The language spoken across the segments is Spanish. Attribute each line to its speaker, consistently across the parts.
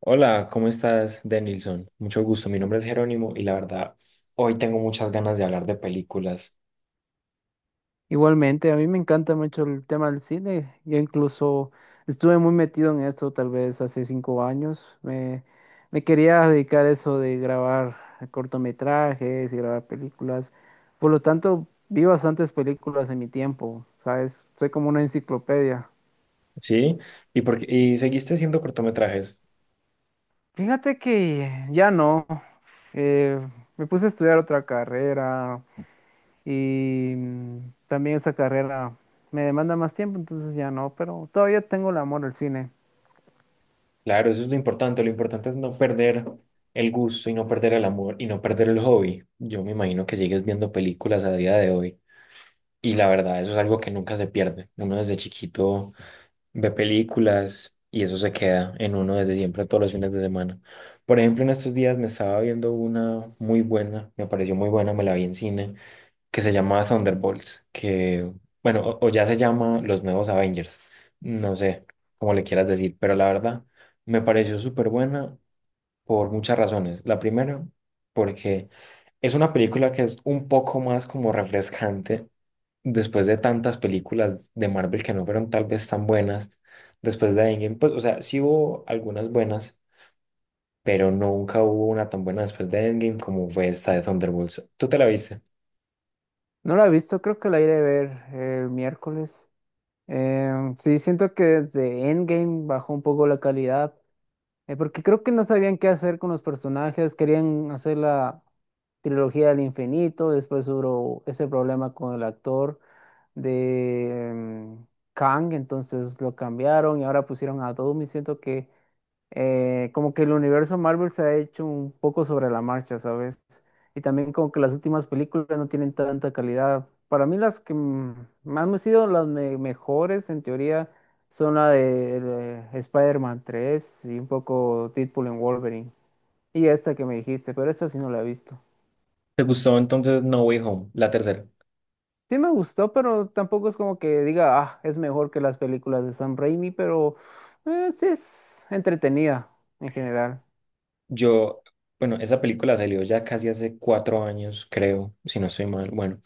Speaker 1: Hola, ¿cómo estás, Denilson? Mucho gusto, mi nombre es Jerónimo y la verdad, hoy tengo muchas ganas de hablar de películas.
Speaker 2: Igualmente, a mí me encanta mucho el tema del cine. Yo incluso estuve muy metido en esto tal vez hace 5 años. Me quería dedicar a eso de grabar cortometrajes y grabar películas. Por lo tanto, vi bastantes películas en mi tiempo, ¿sabes? Soy como una enciclopedia.
Speaker 1: ¿Sí? ¿Y seguiste haciendo cortometrajes?
Speaker 2: Fíjate que ya no. Eh, Me puse a estudiar otra carrera y también esa carrera me demanda más tiempo, entonces ya no, pero todavía tengo el amor al cine.
Speaker 1: Claro, eso es lo importante es no perder el gusto y no perder el amor y no perder el hobby. Yo me imagino que sigues viendo películas a día de hoy y la verdad, eso es algo que nunca se pierde. Uno desde chiquito ve películas y eso se queda en uno desde siempre, todos los fines de semana. Por ejemplo, en estos días me estaba viendo una muy buena, me pareció muy buena, me la vi en cine, que se llama Thunderbolts, que, bueno, o ya se llama Los Nuevos Avengers, no sé cómo le quieras decir, pero la verdad me pareció súper buena por muchas razones. La primera, porque es una película que es un poco más como refrescante después de tantas películas de Marvel que no fueron tal vez tan buenas, después de Endgame, pues, o sea, sí hubo algunas buenas, pero nunca hubo una tan buena después de Endgame como fue esta de Thunderbolts. ¿Tú te la viste?
Speaker 2: No la he visto, creo que la iré a ver el miércoles. Sí, siento que desde Endgame bajó un poco la calidad, porque creo que no sabían qué hacer con los personajes, querían hacer la trilogía del infinito, después hubo ese problema con el actor de Kang, entonces lo cambiaron y ahora pusieron a Doom y siento que como que el universo Marvel se ha hecho un poco sobre la marcha, ¿sabes? Y también como que las últimas películas no tienen tanta calidad. Para mí las que más me han sido las mejores en teoría son la de Spider-Man 3 y un poco Deadpool en Wolverine. Y esta que me dijiste, pero esta sí no la he visto.
Speaker 1: ¿Te gustó entonces No Way Home, la tercera?
Speaker 2: Sí me gustó, pero tampoco es como que diga, ah, es mejor que las películas de Sam Raimi, pero sí es entretenida en general.
Speaker 1: Yo, bueno, esa película salió ya casi hace 4 años, creo, si no estoy mal, bueno.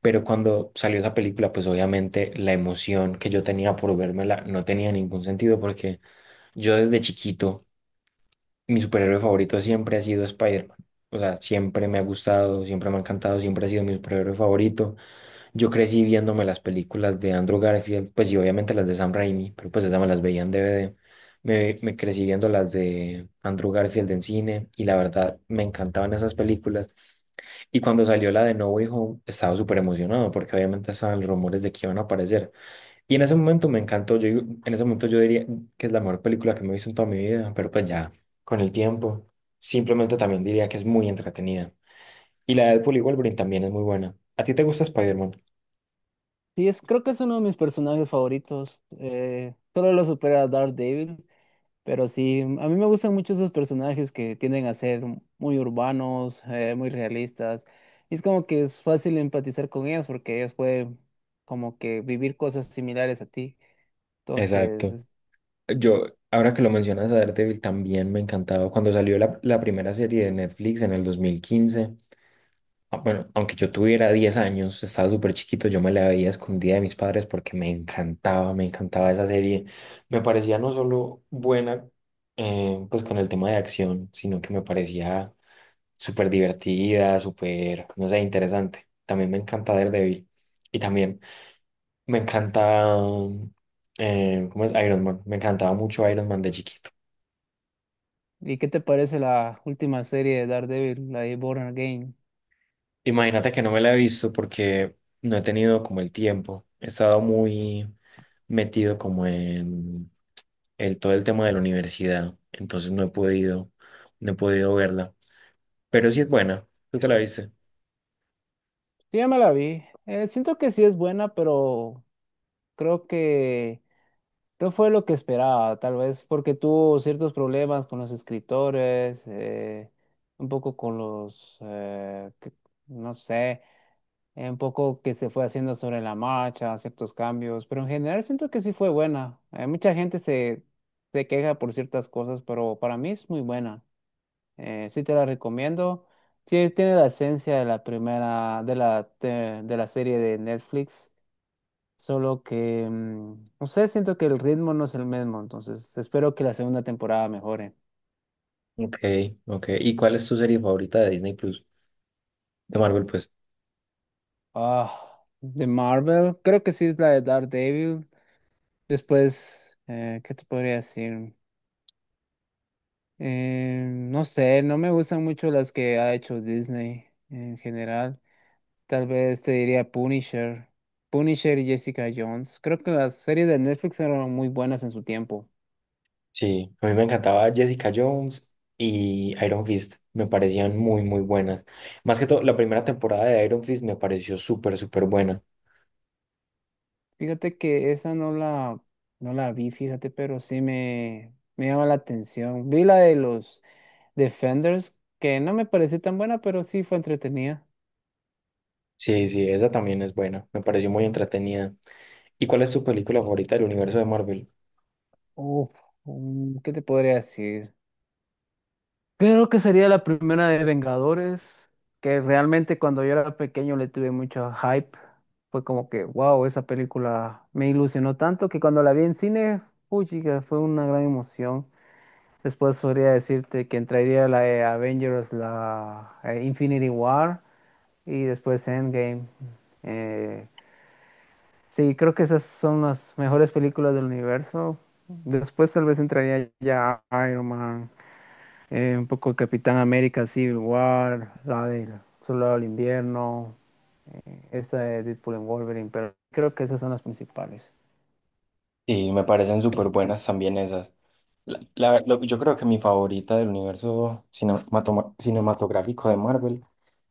Speaker 1: Pero cuando salió esa película, pues obviamente la emoción que yo tenía por vérmela no tenía ningún sentido porque yo desde chiquito mi superhéroe favorito siempre ha sido Spider-Man. O sea, siempre me ha gustado, siempre me ha encantado, siempre ha sido mi superhéroe favorito. Yo crecí viéndome las películas de Andrew Garfield, pues y obviamente las de Sam Raimi, pero pues esas me las veía en DVD. Me crecí viendo las de Andrew Garfield en cine y la verdad me encantaban esas películas. Y cuando salió la de No Way Home, estaba súper emocionado porque obviamente estaban los rumores de que iban a aparecer. Y en ese momento me encantó. En ese momento yo diría que es la mejor película que me he visto en toda mi vida, pero pues ya con el tiempo simplemente también diría que es muy entretenida. Y la de Deadpool y Wolverine también es muy buena. ¿A ti te gusta Spider-Man?
Speaker 2: Sí, es, creo que es uno de mis personajes favoritos. Solo lo supera Daredevil, pero sí, a mí me gustan mucho esos personajes que tienden a ser muy urbanos, muy realistas. Y es como que es fácil empatizar con ellos porque ellos pueden como que vivir cosas similares a ti.
Speaker 1: Exacto.
Speaker 2: Entonces,
Speaker 1: Yo, ahora que lo mencionas a Daredevil, también me encantaba. Cuando salió la primera serie de Netflix en el 2015. Ah, bueno, aunque yo tuviera 10 años, estaba súper chiquito, yo me la veía escondida de mis padres porque me encantaba esa serie. Me parecía no solo buena, pues con el tema de acción, sino que me parecía súper divertida, súper, no sé, interesante. También me encanta Daredevil y también me encanta, ¿cómo es? Iron Man. Me encantaba mucho Iron Man de chiquito.
Speaker 2: ¿y qué te parece la última serie de Daredevil, la de Born Again?
Speaker 1: Imagínate que no me la he visto porque no he tenido como el tiempo. He estado muy metido como en el, todo el tema de la universidad, entonces no he podido, verla, pero sí es buena, tú te la viste.
Speaker 2: Sí, ya me la vi. Siento que sí es buena, pero creo que... No fue lo que esperaba, tal vez porque tuvo ciertos problemas con los escritores, un poco con los, no sé, un poco que se fue haciendo sobre la marcha, ciertos cambios, pero en general siento que sí fue buena. Mucha gente se queja por ciertas cosas, pero para mí es muy buena. Sí te la recomiendo. Sí, tiene la esencia de la primera, de la serie de Netflix. Solo que, no sé, siento que el ritmo no es el mismo, entonces espero que la segunda temporada mejore.
Speaker 1: Ok, ok. ¿Y cuál es tu serie favorita de Disney Plus? De Marvel, pues.
Speaker 2: Ah, de Marvel, creo que sí es la de Daredevil. Después, ¿qué te podría decir? No sé, no me gustan mucho las que ha hecho Disney en general. Tal vez te diría Punisher, Punisher y Jessica Jones. Creo que las series de Netflix eran muy buenas en su tiempo.
Speaker 1: Sí, a mí me encantaba Jessica Jones y Iron Fist, me parecían muy, muy buenas. Más que todo, la primera temporada de Iron Fist me pareció súper, súper buena.
Speaker 2: Fíjate que esa no la, no la vi, fíjate, pero sí me llama la atención. Vi la de los Defenders, que no me pareció tan buena, pero sí fue entretenida.
Speaker 1: Sí, sí, esa también es buena, me pareció muy entretenida. ¿Y cuál es tu película favorita del universo de Marvel?
Speaker 2: Uf, ¿qué te podría decir? Creo que sería la primera de Vengadores, que realmente cuando yo era pequeño le tuve mucho hype. Fue como que, wow, esa película me ilusionó tanto que cuando la vi en cine, uy, chica, fue una gran emoción. Después podría decirte que entraría la de Avengers, la Infinity War y después Endgame. Eh, sí, creo que esas son las mejores películas del universo. Después tal vez entraría ya Iron Man, un poco Capitán América, Civil War, la del Soldado del Invierno, esta de Deadpool and Wolverine, pero creo que esas son las principales.
Speaker 1: Sí, me parecen súper buenas también esas. Yo creo que mi favorita del universo cinematográfico de Marvel,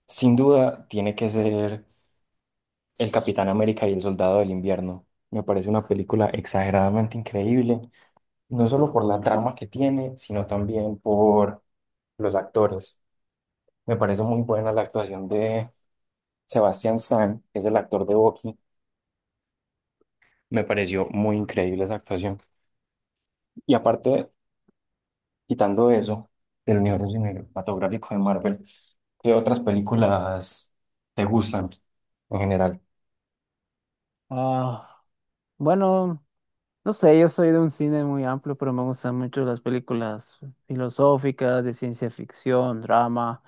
Speaker 1: sin duda, tiene que ser el Capitán América y el Soldado del Invierno. Me parece una película exageradamente increíble, no solo por la trama que tiene, sino también por los actores. Me parece muy buena la actuación de Sebastian Stan, que es el actor de Bucky. Me pareció muy increíble esa actuación. Y aparte, quitando eso del universo cinematográfico de Marvel, ¿qué otras películas te gustan en general?
Speaker 2: Ah, bueno, no sé, yo soy de un cine muy amplio, pero me gustan mucho las películas filosóficas, de ciencia ficción, drama.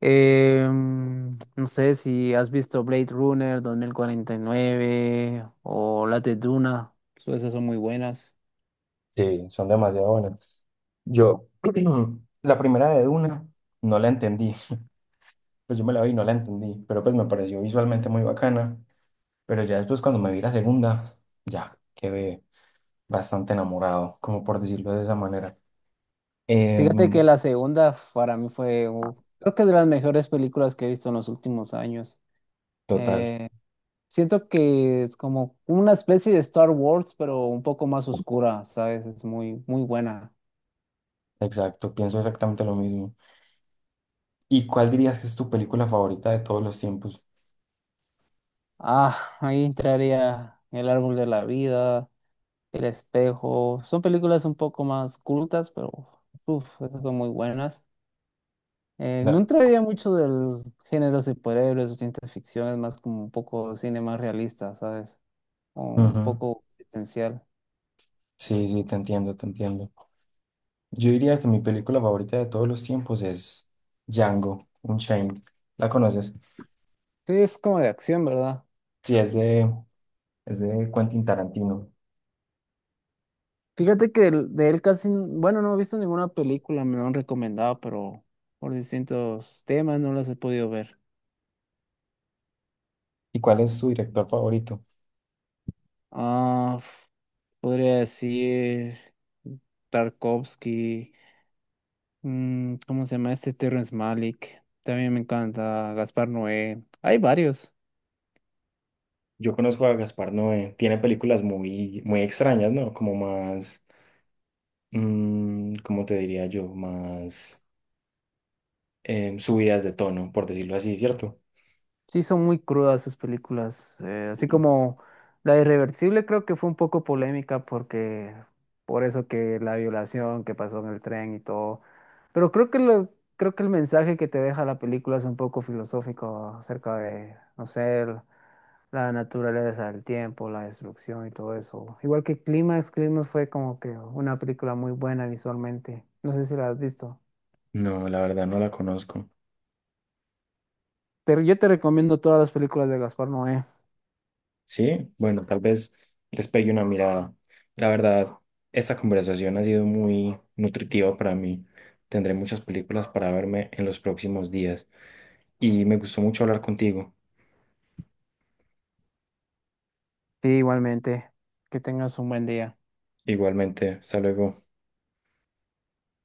Speaker 2: No sé si has visto Blade Runner 2049 o las de Duna, esas son muy buenas.
Speaker 1: Sí, son demasiado buenas. Yo, la primera de Duna, no la entendí. Pues yo me la vi y no la entendí, pero pues me pareció visualmente muy bacana. Pero ya después cuando me vi la segunda, ya quedé bastante enamorado, como por decirlo de esa manera.
Speaker 2: Fíjate que
Speaker 1: Em,
Speaker 2: la segunda para mí fue, creo que es de las mejores películas que he visto en los últimos años.
Speaker 1: Total,
Speaker 2: Eh, Siento que es como una especie de Star Wars, pero un poco más oscura, ¿sabes? Es muy, muy buena.
Speaker 1: exacto, pienso exactamente lo mismo. ¿Y cuál dirías que es tu película favorita de todos los tiempos?
Speaker 2: Ah, ahí entraría El Árbol de la Vida, El Espejo. Son películas un poco más cultas, pero uf, esas son muy buenas. No entraría mucho del género de superhéroes o ciencia ficción, es más como un poco cine más realista, ¿sabes? O un
Speaker 1: Ujú.
Speaker 2: poco existencial.
Speaker 1: Sí, sí, te entiendo, te entiendo. Yo diría que mi película favorita de todos los tiempos es Django Unchained. ¿La conoces?
Speaker 2: Sí, es como de acción, ¿verdad?
Speaker 1: Sí, es de Quentin Tarantino.
Speaker 2: Fíjate que de él casi, bueno, no he visto ninguna película, me lo han recomendado, pero por distintos temas no las he podido ver.
Speaker 1: ¿Y cuál es tu director favorito?
Speaker 2: Ah. Podría decir Tarkovsky, ¿cómo se llama este? Terrence Malick. También me encanta Gaspar Noé. Hay varios.
Speaker 1: Yo conozco a Gaspar Noé. Tiene películas muy, muy extrañas, ¿no? Como más, ¿cómo te diría yo? Más subidas de tono, por decirlo así, ¿cierto?
Speaker 2: Sí, son muy crudas sus películas. Así como La Irreversible creo que fue un poco polémica porque por eso que la violación que pasó en el tren y todo. Pero creo que el mensaje que te deja la película es un poco filosófico acerca de, no sé, la naturaleza del tiempo, la destrucción y todo eso. Igual que Climax, Climax fue como que una película muy buena visualmente. No sé si la has visto.
Speaker 1: No, la verdad no la conozco.
Speaker 2: Pero yo te recomiendo todas las películas de Gaspar Noé.
Speaker 1: Sí, bueno, tal vez les pegue una mirada. La verdad, esta conversación ha sido muy nutritiva para mí. Tendré muchas películas para verme en los próximos días y me gustó mucho hablar contigo.
Speaker 2: Sí, igualmente. Que tengas un buen día.
Speaker 1: Igualmente, hasta luego.